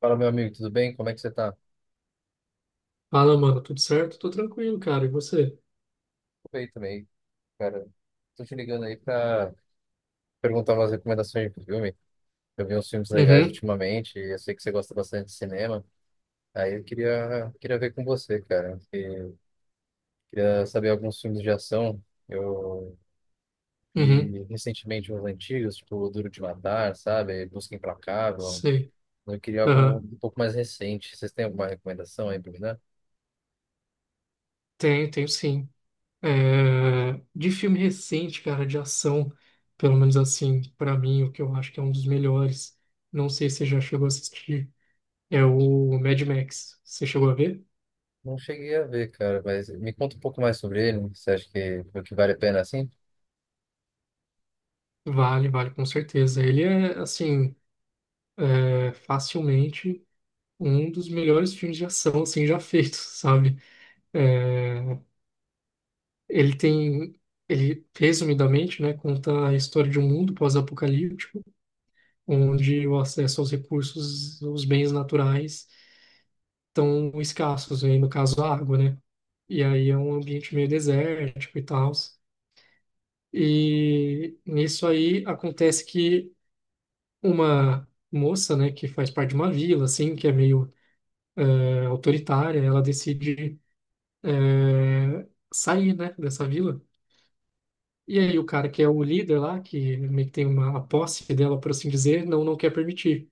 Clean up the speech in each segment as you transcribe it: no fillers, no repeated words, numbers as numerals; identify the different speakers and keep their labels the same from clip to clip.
Speaker 1: Fala, meu amigo, tudo bem? Como é que você tá? Tudo
Speaker 2: Fala, mano, tudo certo? Tô tranquilo, cara. E você?
Speaker 1: bem também, cara. Tô te ligando aí pra perguntar umas recomendações de filme. Eu vi uns filmes legais
Speaker 2: Uhum,
Speaker 1: ultimamente e eu sei que você gosta bastante de cinema. Aí eu queria ver com você, cara. E queria saber alguns filmes de ação. Eu
Speaker 2: uhum,
Speaker 1: vi recentemente uns antigos, tipo Duro de Matar, sabe? Busca Implacável.
Speaker 2: sei.
Speaker 1: Eu queria algo
Speaker 2: Aham.
Speaker 1: um pouco mais recente. Vocês têm alguma recomendação aí pra me dar?
Speaker 2: Tenho, tenho sim. De filme recente, cara, de ação, pelo menos assim, pra mim, o que eu acho que é um dos melhores, não sei se você já chegou a assistir, é o Mad Max. Você chegou a ver?
Speaker 1: Não cheguei a ver, cara, mas me conta um pouco mais sobre ele. Você acha que vale a pena assim?
Speaker 2: Vale, vale, com certeza. Ele é, assim, é facilmente um dos melhores filmes de ação, assim, já feitos, sabe? É, Ele tem, ele resumidamente, né, conta a história de um mundo pós-apocalíptico, onde o acesso aos recursos, os bens naturais estão escassos, aí no caso a água, né? E aí é um ambiente meio desértico e tal. E nisso aí acontece que uma moça, né, que faz parte de uma vila, assim, que é meio autoritária, ela decide é, sair, né, dessa vila. E aí o cara que é o líder lá, que meio que tem uma a posse dela, por assim dizer, não, não quer permitir.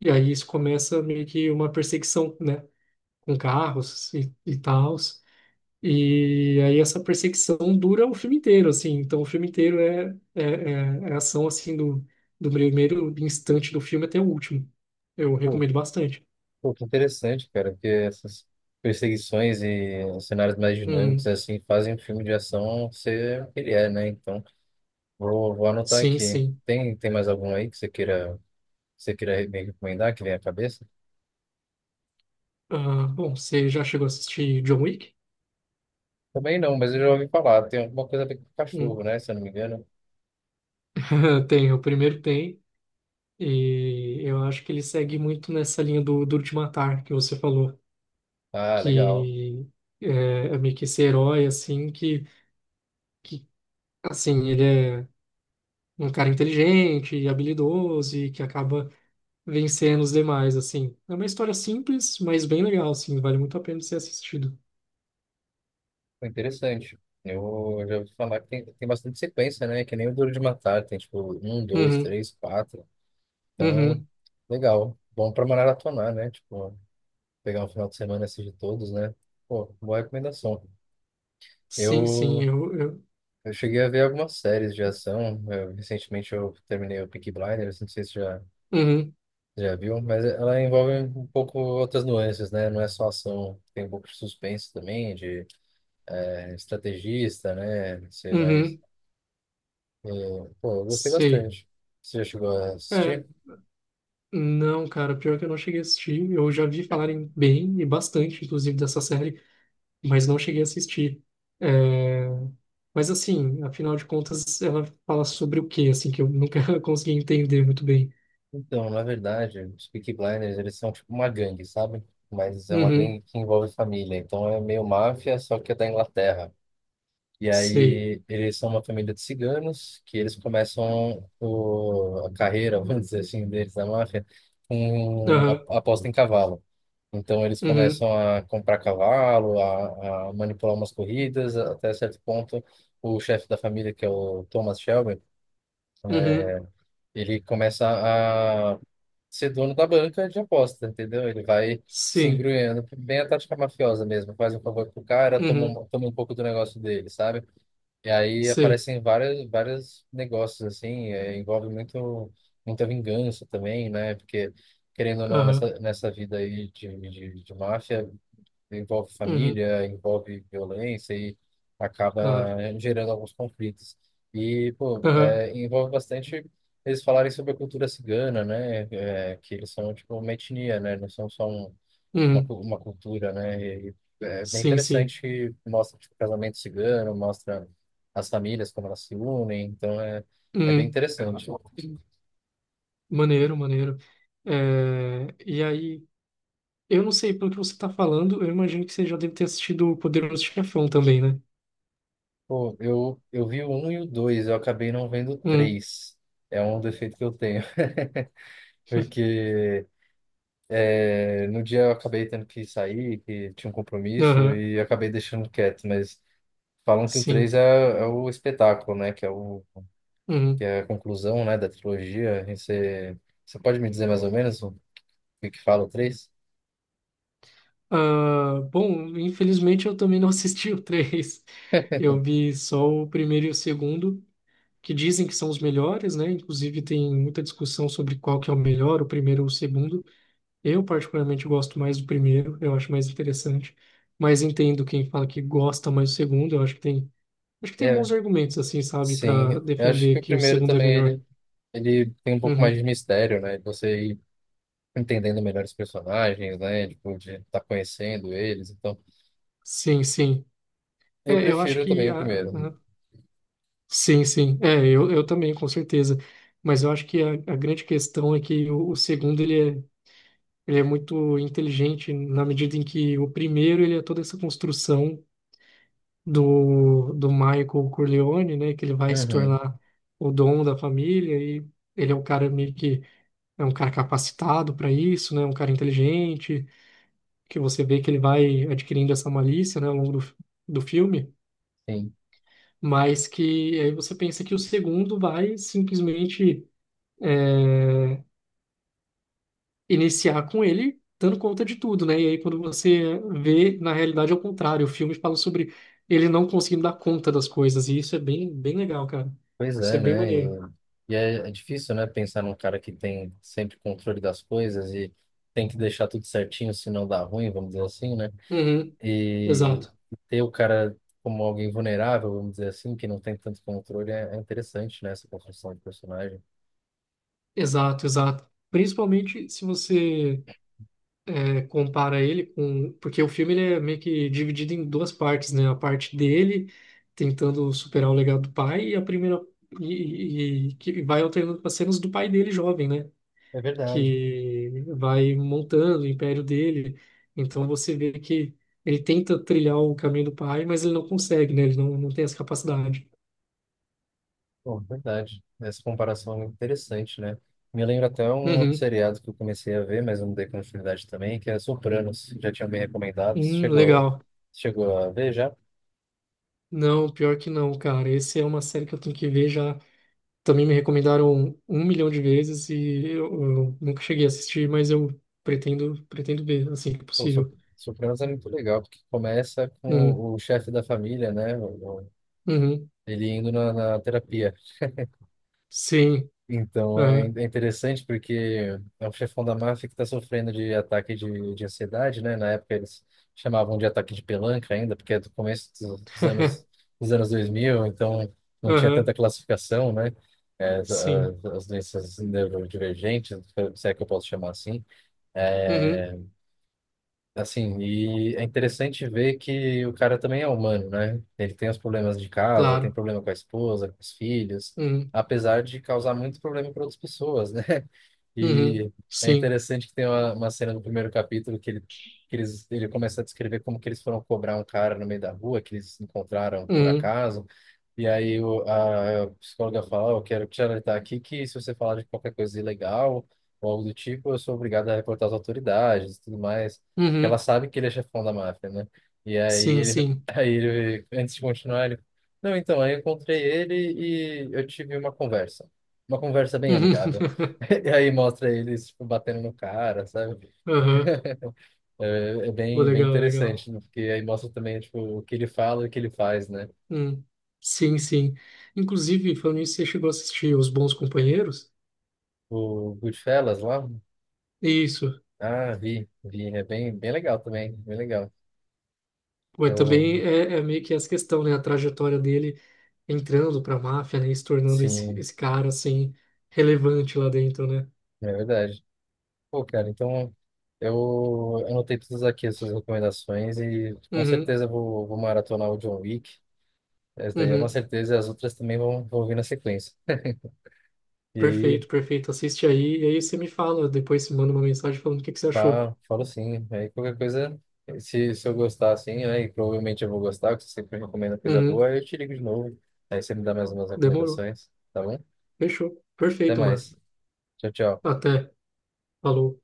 Speaker 2: E aí isso começa meio que uma perseguição, né? Com carros e tals. E aí essa perseguição dura o filme inteiro, assim. Então o filme inteiro é ação, assim, do primeiro instante do filme até o último. Eu
Speaker 1: Pô,
Speaker 2: recomendo bastante.
Speaker 1: Que interessante, cara, porque essas perseguições e cenários mais dinâmicos,
Speaker 2: Hum,
Speaker 1: assim, fazem o filme de ação ser o que ele é, né? Então, vou anotar
Speaker 2: sim,
Speaker 1: aqui.
Speaker 2: sim.
Speaker 1: Tem mais algum aí que você queira me recomendar, que vem à cabeça?
Speaker 2: Ah, bom, você já chegou a assistir John Wick?
Speaker 1: Também não, mas eu já ouvi falar. Tem alguma coisa a ver com cachorro,
Speaker 2: Hum.
Speaker 1: né? Se eu não me engano.
Speaker 2: Tem, o primeiro tem. E eu acho que ele segue muito nessa linha do Duro de Matar que você falou,
Speaker 1: Ah, legal.
Speaker 2: que é, é meio que esse herói, assim, que assim, ele é um cara inteligente e habilidoso e que acaba vencendo os demais, assim. É uma história simples, mas bem legal, assim, vale muito a pena ser assistido.
Speaker 1: Foi interessante. Eu já ouvi falar que tem bastante sequência, né? Que nem o Duro de Matar. Tem, tipo, um, dois,
Speaker 2: Uhum,
Speaker 1: três, quatro. Então,
Speaker 2: uhum,
Speaker 1: legal. Bom pra maratonar, né? Tipo, pegar o final de semana e assistir todos, né? Pô, boa recomendação.
Speaker 2: sim, sim,
Speaker 1: Eu,
Speaker 2: eu,
Speaker 1: eu cheguei a ver algumas séries de ação. Recentemente eu terminei o Peaky Blinders, não sei se já,
Speaker 2: uhum,
Speaker 1: já viu, mas ela envolve um pouco outras nuances, né? Não é só ação, tem um pouco de suspense também, de estrategista, né? Não sei, mas
Speaker 2: uhum,
Speaker 1: é, pô, eu gostei
Speaker 2: sei.
Speaker 1: bastante. Você já chegou a
Speaker 2: É,
Speaker 1: assistir?
Speaker 2: não, cara, pior que eu não cheguei a assistir, eu já vi falarem bem e bastante, inclusive, dessa série. Mas não cheguei a assistir. É, Mas assim, afinal de contas, ela fala sobre o quê, assim, que eu nunca consegui entender muito bem.
Speaker 1: Então, na verdade, os Peaky Blinders, eles são tipo uma gangue, sabe? Mas é uma
Speaker 2: Uhum,
Speaker 1: gangue que envolve família, então é meio máfia, só que é da Inglaterra. E
Speaker 2: sei.
Speaker 1: aí eles são uma família de ciganos que eles começam a carreira, vamos dizer assim, deles da máfia, com
Speaker 2: Aham,
Speaker 1: aposta em cavalo. Então eles
Speaker 2: uhum,
Speaker 1: começam a comprar cavalo, a manipular umas corridas, até certo ponto o chefe da família, que é o Thomas Shelby,
Speaker 2: uhum,
Speaker 1: ele começa a ser dono da banca de aposta, entendeu? Ele vai se
Speaker 2: sim.
Speaker 1: engruendo, bem a tática mafiosa mesmo, faz um favor pro cara,
Speaker 2: Uhum,
Speaker 1: toma um pouco do negócio dele, sabe? E aí
Speaker 2: sei.
Speaker 1: aparecem vários negócios assim, envolve muito, muita vingança também, né? Porque, querendo ou não,
Speaker 2: Aham,
Speaker 1: nessa vida aí de máfia, envolve
Speaker 2: uhum,
Speaker 1: família, envolve violência e acaba
Speaker 2: claro.
Speaker 1: gerando alguns conflitos. E, pô,
Speaker 2: Aham,
Speaker 1: é, envolve bastante eles falarem sobre a cultura cigana, né? É, que eles são, tipo, uma etnia, né? Não são só um,
Speaker 2: uhum,
Speaker 1: uma cultura, né? E é bem
Speaker 2: sim, sim.
Speaker 1: interessante, que mostra tipo, o casamento cigano, mostra as famílias como elas se unem, então é, é bem
Speaker 2: Uhum,
Speaker 1: interessante.
Speaker 2: maneiro, maneiro. E aí, eu não sei, pelo que você está falando, eu imagino que você já deve ter assistido o Poderoso Chefão também, né?
Speaker 1: Pô, eu vi o 1 e o dois, eu acabei não vendo o
Speaker 2: Uhum,
Speaker 1: 3. É um defeito que eu tenho, porque é, no dia eu acabei tendo que sair, que tinha um compromisso,
Speaker 2: aham,
Speaker 1: e acabei deixando quieto, mas falam que o
Speaker 2: sim.
Speaker 1: 3 é o espetáculo, né? Que é, que
Speaker 2: Uhum.
Speaker 1: é a conclusão, né, da trilogia. E você, você pode me dizer mais ou menos que fala o três?
Speaker 2: Ah, bom, infelizmente eu também não assisti o três. Eu vi só o primeiro e o segundo, que dizem que são os melhores, né? Inclusive tem muita discussão sobre qual que é o melhor, o primeiro ou o segundo. Eu particularmente gosto mais do primeiro, eu acho mais interessante. Mas entendo quem fala que gosta mais do segundo, eu acho que tem
Speaker 1: É,
Speaker 2: bons argumentos assim, sabe,
Speaker 1: sim.
Speaker 2: para
Speaker 1: Eu acho
Speaker 2: defender
Speaker 1: que o
Speaker 2: que o
Speaker 1: primeiro
Speaker 2: segundo é
Speaker 1: também
Speaker 2: melhor.
Speaker 1: ele tem um pouco mais
Speaker 2: Uhum.
Speaker 1: de mistério, né? De você ir entendendo melhor os personagens, né? Tipo, de estar conhecendo eles. Então,
Speaker 2: Sim, sim.
Speaker 1: eu
Speaker 2: É, eu acho
Speaker 1: prefiro
Speaker 2: que
Speaker 1: também o
Speaker 2: a-
Speaker 1: primeiro.
Speaker 2: Sim, sim. Eu também, com certeza. Mas eu acho que a grande questão é que o segundo, ele é muito inteligente na medida em que o primeiro, ele é toda essa construção do Michael Corleone, né? Que ele vai se
Speaker 1: Uhum,
Speaker 2: tornar o dono da família e ele é um cara meio que... É um cara capacitado para isso, né? Um cara inteligente, que você vê que ele vai adquirindo essa malícia, né? Ao longo do filme.
Speaker 1: sim.
Speaker 2: Mas que aí você pensa que o segundo vai simplesmente é, iniciar com ele dando conta de tudo, né? E aí quando você vê, na realidade é o contrário, o filme fala sobre ele não conseguindo dar conta das coisas, e isso é bem, bem legal, cara.
Speaker 1: Pois
Speaker 2: Isso é
Speaker 1: é,
Speaker 2: bem
Speaker 1: né? E,
Speaker 2: maneiro.
Speaker 1: é, é difícil, né? Pensar num cara que tem sempre controle das coisas e tem que deixar tudo certinho, senão dá ruim, vamos dizer assim, né?
Speaker 2: Uhum,
Speaker 1: E
Speaker 2: exato,
Speaker 1: ter o cara como alguém vulnerável, vamos dizer assim, que não tem tanto controle, é interessante, né? Essa construção de personagem.
Speaker 2: exato, exato. Principalmente se você compara ele com... Porque o filme ele é meio que dividido em duas partes, né? A parte dele tentando superar o legado do pai e a primeira... E que vai alternando com as cenas do pai dele jovem, né?
Speaker 1: É verdade.
Speaker 2: Que vai montando o império dele. Então você vê que ele tenta trilhar o caminho do pai, mas ele não consegue, né? Ele não, não tem essa capacidade.
Speaker 1: Pô, verdade. Essa comparação é interessante, né? Me lembra até um outro
Speaker 2: Uhum.
Speaker 1: seriado que eu comecei a ver, mas eu não dei continuidade também, que é Sopranos. Já tinha me recomendado.
Speaker 2: Legal.
Speaker 1: Chegou a ver já?
Speaker 2: Não, pior que não, cara. Esse é uma série que eu tenho que ver já. Também me recomendaram um milhão de vezes e eu nunca cheguei a assistir, mas eu pretendo, pretendo ver assim que
Speaker 1: Pô,
Speaker 2: possível.
Speaker 1: Sopranos é muito legal, porque começa
Speaker 2: Hum,
Speaker 1: com o chefe da família, né?
Speaker 2: uhum.
Speaker 1: Ele indo na terapia.
Speaker 2: Sim.
Speaker 1: Então, é,
Speaker 2: Aham.
Speaker 1: é interessante porque é um chefão da máfia que está sofrendo de ataque de ansiedade, né? Na época eles chamavam de ataque de pelanca ainda, porque é do começo dos anos 2000, então não tinha tanta
Speaker 2: Aham.
Speaker 1: classificação, né? É,
Speaker 2: Sim.
Speaker 1: as doenças neurodivergentes, se é que eu posso chamar assim.
Speaker 2: Uhum.
Speaker 1: Assim, e é interessante ver que o cara também é humano, né? Ele tem os problemas de casa, tem
Speaker 2: Claro.
Speaker 1: problema com a esposa, com os filhos,
Speaker 2: Uhum.
Speaker 1: apesar de causar muito problema para outras pessoas, né?
Speaker 2: Uhum.
Speaker 1: E é
Speaker 2: Sim.
Speaker 1: interessante que tem uma cena no primeiro capítulo que ele, que eles, ele começa a descrever como que eles foram cobrar um cara no meio da rua, que eles encontraram por
Speaker 2: Hum,
Speaker 1: acaso. E aí a psicóloga fala: "Ó, eu quero te alertar aqui que se você falar de qualquer coisa ilegal ou algo do tipo, eu sou obrigado a reportar as autoridades e tudo mais." Porque ela
Speaker 2: uhum,
Speaker 1: sabe que ele é chefão da máfia, né? E aí
Speaker 2: sim,
Speaker 1: ele,
Speaker 2: sim.
Speaker 1: aí ele, antes de continuar, ele, não, então, aí eu encontrei ele e eu tive uma conversa. Uma conversa bem
Speaker 2: Uhum,
Speaker 1: amigável. E aí mostra eles, tipo, batendo no cara, sabe?
Speaker 2: aham,
Speaker 1: É, é
Speaker 2: pô,
Speaker 1: bem, bem
Speaker 2: legal, legal.
Speaker 1: interessante, né? Porque aí mostra também, tipo, o que ele fala e o que ele faz, né?
Speaker 2: Hum, sim, sim. Inclusive, falando nisso, você chegou a assistir Os Bons Companheiros?
Speaker 1: O Goodfellas lá?
Speaker 2: Isso.
Speaker 1: Ah, vi, vi. É bem, bem legal também, bem legal.
Speaker 2: Ué,
Speaker 1: Eu,
Speaker 2: também é meio que essa questão, né? A trajetória dele entrando pra máfia, né? E se tornando esse,
Speaker 1: sim,
Speaker 2: esse cara, assim, relevante lá dentro, né?
Speaker 1: é verdade. Pô, cara, então eu anotei todas aqui as suas recomendações e com
Speaker 2: Uhum,
Speaker 1: certeza eu vou maratonar o John Wick. Essa daí é uma
Speaker 2: uhum.
Speaker 1: certeza, e as outras também vão, vão vir na sequência. E aí,
Speaker 2: Perfeito, perfeito. Assiste aí e aí você me fala. Depois você manda uma mensagem falando o que que você achou.
Speaker 1: falo sim. Aí qualquer coisa, se eu gostar assim, né, e provavelmente eu vou gostar, porque você sempre recomenda coisa
Speaker 2: Uhum,
Speaker 1: boa, aí eu te ligo de novo. Aí você me dá mais umas
Speaker 2: demorou.
Speaker 1: recomendações, tá bom?
Speaker 2: Fechou.
Speaker 1: Até
Speaker 2: Perfeito, mano.
Speaker 1: mais. Tchau, tchau.
Speaker 2: Até. Falou.